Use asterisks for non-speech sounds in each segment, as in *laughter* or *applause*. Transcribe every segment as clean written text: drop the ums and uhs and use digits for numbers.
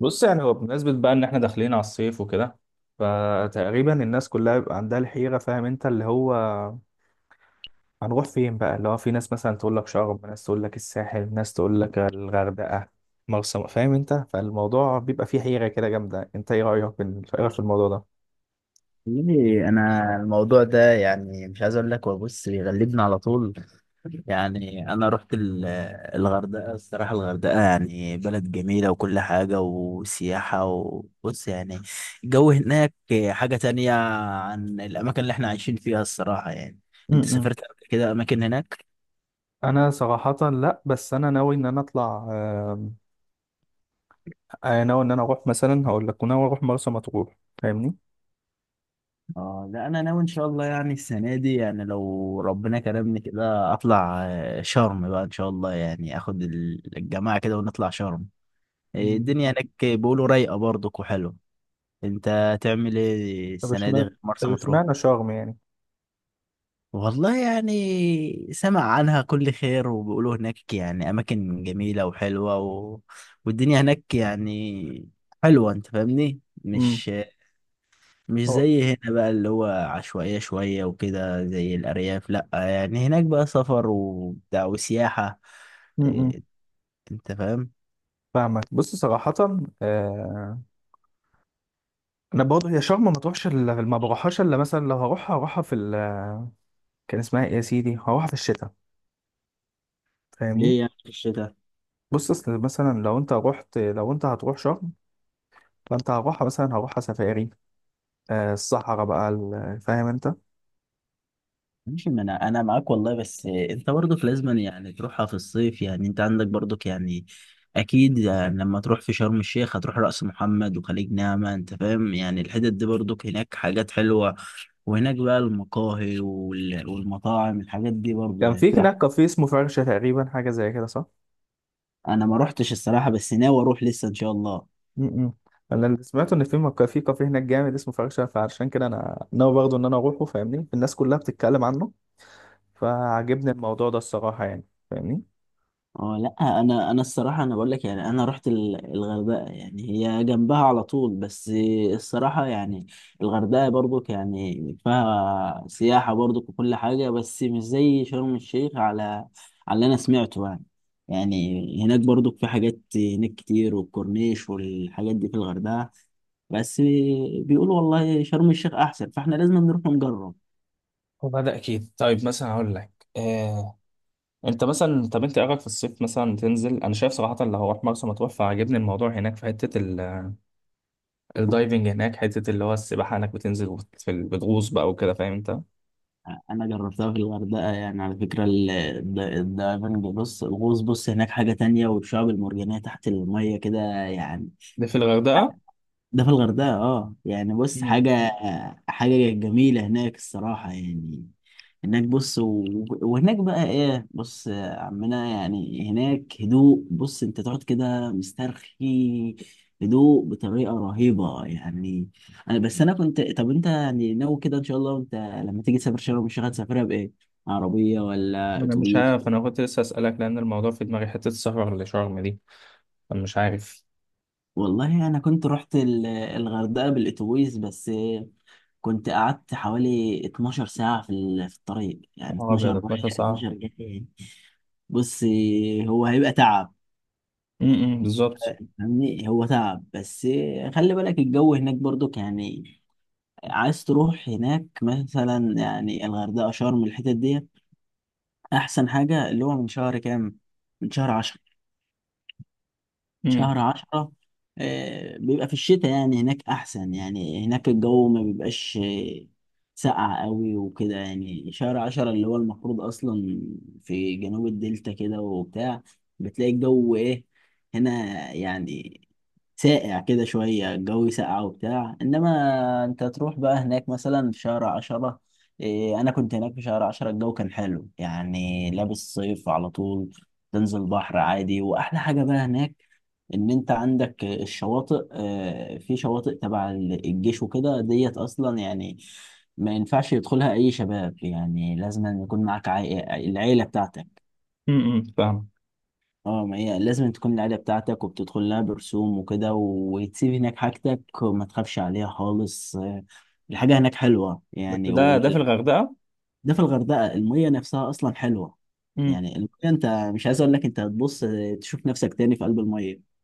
بص يعني هو بمناسبة بقى إن إحنا داخلين على الصيف وكده، فتقريبا الناس كلها بيبقى عندها الحيرة. فاهم أنت؟ اللي هو هنروح فين بقى؟ اللي هو في ناس مثلا تقول لك شرم، ناس تقول لك الساحل، ناس تقول لك الغردقة، مرسى. فاهم أنت؟ فالموضوع بيبقى فيه حيرة كده جامدة. أنت إيه رأيك في الموضوع ده؟ والله انا الموضوع ده يعني مش عايز اقول لك، هو بص بيغلبني على طول. يعني انا رحت الغردقه، الصراحه الغردقه يعني بلد جميله وكل حاجه وسياحه، وبص يعني الجو هناك حاجه تانية عن الاماكن اللي احنا عايشين فيها، الصراحه يعني. انت امم سافرت قبل كده اماكن هناك؟ أنا صراحة لأ، بس أنا ناوي إن أنا أطلع. أنا ناوي إن أنا أروح، مثلا هقول لك، ناوي أروح مرسى مطروح. فاهمني؟ اه لا، انا ناوي ان شاء الله يعني السنه دي، يعني لو ربنا كرمني كده اطلع شرم بقى ان شاء الله، يعني اخد الجماعه كده ونطلع شرم. إيه، مم. الدنيا هناك بيقولوا رايقة برضك وحلوة. انت هتعمل ايه طب السنة دي اشمعنى غير مرسى طب مطروح؟ اشمعنى شرم يعني؟ والله يعني سمع عنها كل خير، وبيقولوا هناك يعني أماكن جميلة وحلوة والدنيا هناك يعني حلوة، انت فاهمني. امم مش مش هو زي هنا بقى، اللي هو عشوائية شوية وكده زي الأرياف، لأ يعني هناك بقى سفر وبتاع وسياحة. امم إيه، انت فاهم. فاهمك. بص صراحة، آه. أنا برضه هي شرم ما بروحهاش إلا مثلا لو هروحها في ال كان اسمها إيه يا سيدي، هروحها في الشتاء. فاهمني؟ ليه يعني في الشتاء؟ بص، أصل مثلا لو أنت هتروح شرم، فأنت هروحها مثلا هروحها سفاري. آه، الصحراء بقى. فاهم أنت؟ ماشي، ما انا معاك والله، بس انت برضك لازم يعني تروحها في الصيف، يعني انت عندك برضك يعني اكيد، يعني لما تروح في شرم الشيخ هتروح رأس محمد وخليج نعمة، انت فاهم، يعني الحتت دي برضك هناك حاجات حلوة. وهناك بقى المقاهي والمطاعم، الحاجات دي برضه كان يعني في هناك تبقى- كافيه اسمه فرشة تقريبا، حاجة زي كده، صح؟ انا ما روحتش الصراحة، بس ناوي اروح لسه ان شاء الله. م -م. أنا اللي سمعته إن في كافيه هناك جامد اسمه فرشة. فعشان كده أنا ناوي برضه إن أنا أروحه. فاهمني؟ الناس كلها بتتكلم عنه، فعجبني الموضوع ده الصراحة يعني. فاهمني؟ اه لا، انا الصراحه انا بقول لك، يعني انا رحت الغردقه، يعني هي جنبها على طول بس. الصراحه يعني الغردقه برضك يعني فيها سياحه برضك وكل حاجه، بس مش زي شرم الشيخ، على على اللي انا سمعته يعني. يعني هناك برضك في حاجات هناك كتير، والكورنيش والحاجات دي في الغردقه، بس بيقولوا والله شرم الشيخ احسن، فاحنا لازم نروح نجرب. هو ده اكيد. طيب، مثلا اقول لك، انت مثلا طب انت إيه رايك في الصيف مثلا تنزل؟ انا شايف صراحه اللي هروح مرسى مطروح، فعجبني الموضوع هناك في حته الدايفنج. هناك حته اللي هو السباحه، هناك بتنزل بتغوص بقى وكده. فاهم انت؟ انا جربتها في الغردقه، يعني على فكره، الدايفنج، بص الغوص، بص هناك حاجه تانية، والشعاب المرجانيه تحت الميه كده يعني. ده في الغردقه؟ ده في الغردقة، اه يعني بص مم. حاجة جميلة هناك الصراحة يعني. هناك بص و... وهناك بقى ايه، بص يا عمنا، يعني هناك هدوء، بص انت تقعد كده مسترخي، هدوء بطريقة رهيبة يعني. انا بس انا كنت، طب انت يعني ناوي كده ان شاء الله؟ انت لما تيجي تسافر شرم الشيخ هتسافرها بايه؟ عربية ولا انا مش اتوبيس؟ عارف، انا كنت لسه اسالك، لان الموضوع في دماغي، حته السفر لشرم دي. انا مش عارف. والله انا كنت رحت الغردقة بالاتوبيس، بس كنت قعدت حوالي 12 ساعة في الطريق، يعني اه 12 ابيض، 12 رايح ساعه؟ 12 جاي. بص، هو هيبقى تعب. بالظبط. فاهمني، هو تعب بس، خلي بالك الجو هناك برضو يعني. عايز تروح هناك مثلا، يعني الغردقة شرم الحتت دي، أحسن حاجة اللي هو من شهر كام؟ من شهر 10، امم شهر عشرة. آه، بيبقى في الشتاء يعني هناك أحسن، يعني هناك الجو ما بيبقاش ساقع قوي وكده، يعني شهر عشرة اللي هو المفروض أصلا في جنوب الدلتا كده وبتاع، بتلاقي الجو إيه هنا يعني ساقع كده شوية، الجو ساقع وبتاع، إنما أنت تروح بقى هناك مثلا في شهر عشرة، إيه، أنا كنت هناك في شهر عشرة، الجو كان حلو، يعني لابس صيف على طول، تنزل بحر عادي. وأحلى حاجة بقى هناك، ان انت عندك الشواطئ، في شواطئ تبع الجيش وكده ديت اصلا، يعني ما ينفعش يدخلها اي شباب، يعني لازم أن يكون معاك عائلة، العيلة بتاعتك. فاهم. اه، ما هي لازم تكون العيلة بتاعتك، وبتدخل لها برسوم وكده، وتسيب هناك حاجتك وما تخافش عليها خالص. الحاجة هناك حلوة بس يعني، ده في الغردقه؟ ده في الغردقة، المية نفسها اصلا حلوة يعني. المية انت مش عايز اقول لك، انت هتبص تشوف نفسك تاني في قلب المية.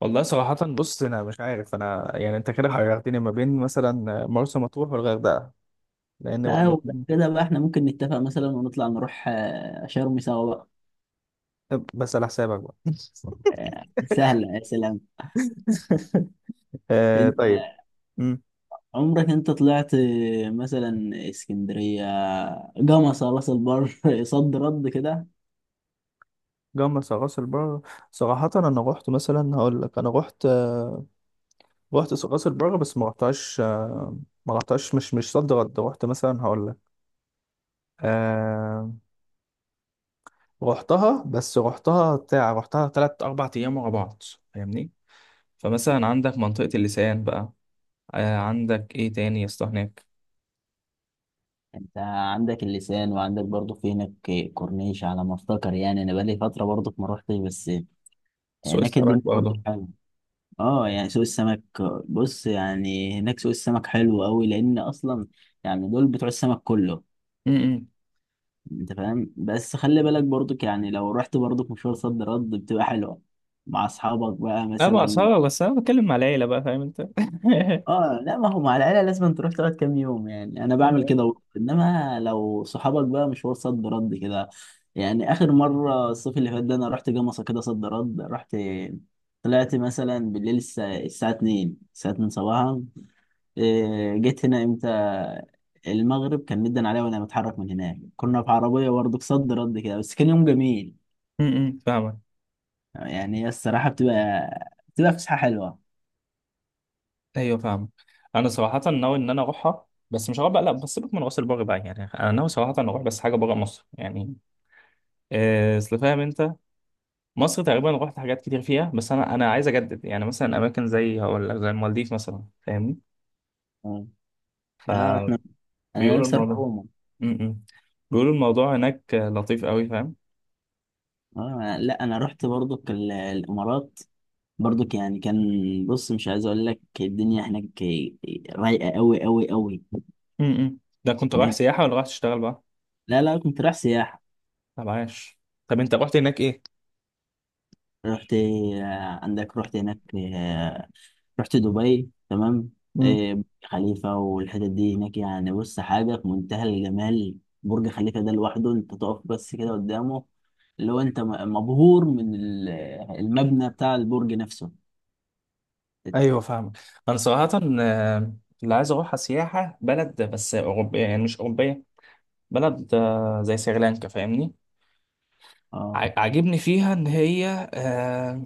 والله صراحة بص، أنا مش عارف. أنا يعني أنت كده حيرتني ما بين مثلا مرسى مطروح والغردقة، لأن هو لا، هو الاتنين- كده بقى، احنا ممكن نتفق مثلا ونطلع نروح شرم سوا بقى. طب بس على حسابك بقى. آه، سهلة يا سلام. *laughs* آه، انت طيب. مم. عمرك انت طلعت، مثلا اسكندرية، جمصة، راس البر *laughs* صد رد كده؟ جمصة راس البر؟ صراحة أنا رحت، مثلا هقول لك، أنا رحت. رحت راس البر، بس ما رحتهاش. ما رحتهاش مش صد رد. رحت، مثلا هقول لك، آه، رحتها، بس رحتها بتاع، رحتها تلات أربع أيام ورا بعض. فاهمني؟ فمثلا عندك منطقة اللسان بقى، آه. عندك ايه تاني يا اسطى هناك؟ انت عندك اللسان، وعندك برضه في هناك كورنيش على ما افتكر، يعني انا بقالي فترة برضه ما روحتش، بس سوق هناك السمك الدنيا برضه برضه. حلوة. اه يعني سوق السمك، بص يعني هناك سوق السمك حلو قوي، لان اصلا يعني دول بتوع السمك كله، امم انت فاهم. بس خلي بالك برضك، يعني لو رحت برضك مشوار صد رد بتبقى حلوة مع اصحابك بقى لا مثلا. بأسعار، بس انا بتكلم مع العيلة بقى. فاهم انت؟ *laughs* اه لا، ما هو مع العيلة لازم تروح تقعد كام يوم، يعني انا بعمل كده برضه. انما لو صحابك بقى مشوار صد رد كده يعني، اخر مرة الصيف اللي فات ده انا رحت جمصة كده صد رد، رحت طلعت مثلا بالليل، الساعة 2، الساعة 2 صباحا. إيه، جيت هنا امتى؟ المغرب كان مدن عليا وانا متحرك من هناك، كنا في عربية برضه صد رد كده، بس كان يوم جميل. فاهمك. يعني هي الصراحة بتبقى فسحة حلوة. ايوه، فاهمك. انا صراحة ناوي ان انا اروحها، بس مش هروح بقى، لا. بس سيبك من راس البر بقى، يعني انا ناوي صراحة ان اروح، بس حاجة بره مصر يعني. اصل فاهم انت، مصر تقريبا رحت حاجات كتير فيها، بس انا عايز اجدد يعني، مثلا اماكن زي هقول لك زي المالديف مثلا. فاهمني؟ اه، آه، احنا فبيقولوا انا نفسي اروح الموضوع، عموما. امم بيقولوا الموضوع هناك لطيف قوي. فاهم؟ اه لا، انا رحت برضك الامارات برضك، يعني كان بص مش عايز اقول لك، الدنيا هناك رايقة قوي قوي قوي. ده كنت رايح هناك سياحة ولا رايح تشتغل بقى؟ لا لا، كنت رايح سياحة. طب عاش. طب انت رحت هناك ايه؟ رحت، عندك رحت هناك، آه، رحت دبي تمام. امم آه، برج خليفة والحتت دي هناك، يعني بص حاجة في منتهى الجمال. برج خليفة ده لوحده، انت تقف بس كده قدامه، اللي هو انت مبهور من المبنى بتاع البرج نفسه. ايوه فاهمك. انا صراحة، آه، اللي عايز اروحها سياحة بلد، بس اوروبية، يعني مش اوروبية. بلد، زي سريلانكا. فاهمني؟ اه عاجبني فيها ان هي.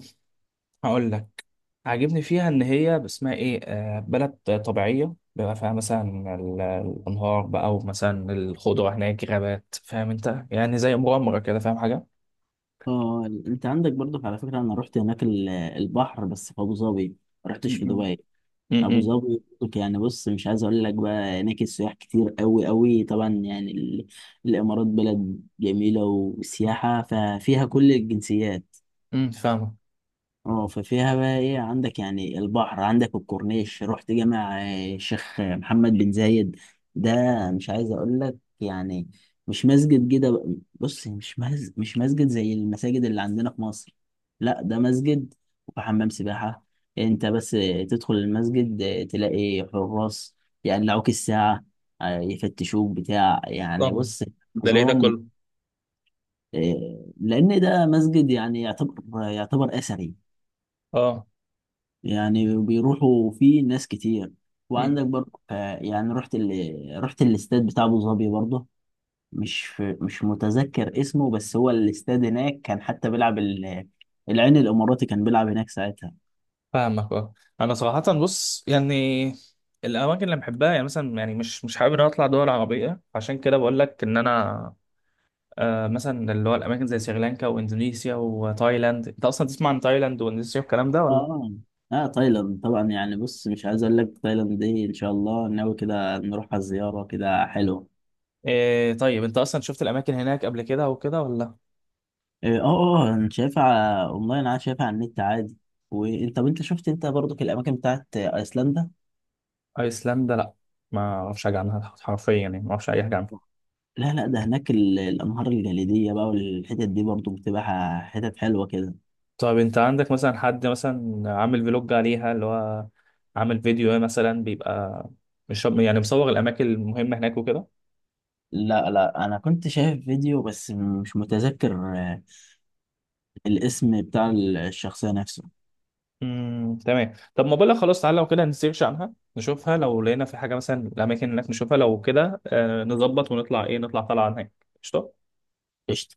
هقول لك، عاجبني فيها ان هي اسمها ايه، بلد طبيعية، بيبقى فيها مثلا الانهار بقى، ومثلا الخضرة، هناك غابات. فاهم انت؟ يعني زي مغامرة كده. فاهم حاجة؟ اه، انت عندك برضو، على فكرة انا رحت هناك البحر بس في ابو ظبي، ما رحتش في امم دبي. ابو ظبي برضو يعني، بص مش عايز اقول لك، بقى هناك السياح كتير قوي قوي، طبعا يعني الامارات بلد جميلة وسياحة، ففيها كل الجنسيات. فاهمك. اه، ففيها بقى ايه، عندك يعني البحر، عندك الكورنيش، رحت جامع الشيخ محمد بن زايد ده، مش عايز اقول لك يعني مش مسجد كده بقى- بص مش مسجد زي المساجد اللي عندنا في مصر، لا ده مسجد وحمام سباحة. انت بس تدخل المسجد، تلاقي حراس يقلعوك الساعة، يفتشوك بتاع، يعني طبعا. بص ده ليه ده نظام. كله؟ آه، لان ده مسجد، يعني يعتبر اثري، اه. يعني بيروحوا فيه ناس كتير. أمم، وعندك برضه ف- يعني رحت الاستاد بتاع ابو ظبي برضه. مش متذكر اسمه، بس هو الاستاد هناك كان حتى بيلعب. العين الاماراتي كان بيلعب هناك ساعتها. فاهمك. اه. انا صراحه بص يعني، الاماكن اللي بحبها يعني، مثلا يعني مش حابب ان انا اطلع دول عربيه. عشان كده بقول لك ان انا، مثلا اللي هو الاماكن زي سريلانكا واندونيسيا وتايلاند. انت اصلا تسمع عن تايلاند واندونيسيا والكلام ده ولا؟ اه اه، تايلاند طبعا يعني، بص مش عايز اقول لك، تايلاند دي ان شاء الله ناوي كده نروح على الزياره كده، حلو. إيه، طيب. انت اصلا شفت الاماكن هناك قبل كده وكده ولا؟ اه اه، انا شايفها اونلاين، انا شايفها على النت عادي. وانت، طب انت شفت انت برضك الاماكن بتاعت ايسلندا؟ ايسلندا، لا. ما اعرفش حاجه عنها حرفيا، يعني ما اعرفش اي حاجه عنها. لا لا، ده هناك الأنهار الجليدية بقى، والحتت دي برضو بتبقى حتت حلوة كده. طب انت عندك مثلا حد مثلا عامل فلوج عليها، اللي هو عامل فيديو مثلا بيبقى، مش يعني، مصور الاماكن المهمه هناك وكده؟ لا لا، أنا كنت شايف فيديو، بس مش متذكر الاسم بتاع الشخصية نفسه. تمام. طب ما بقولك، خلاص، تعالى لو كده نسيرش عنها نشوفها، لو لقينا في حاجه مثلا الاماكن هناك نشوفها، لو كده آه نظبط، ونطلع ايه، نطلع طالعه هناك. قشطه. قشطة.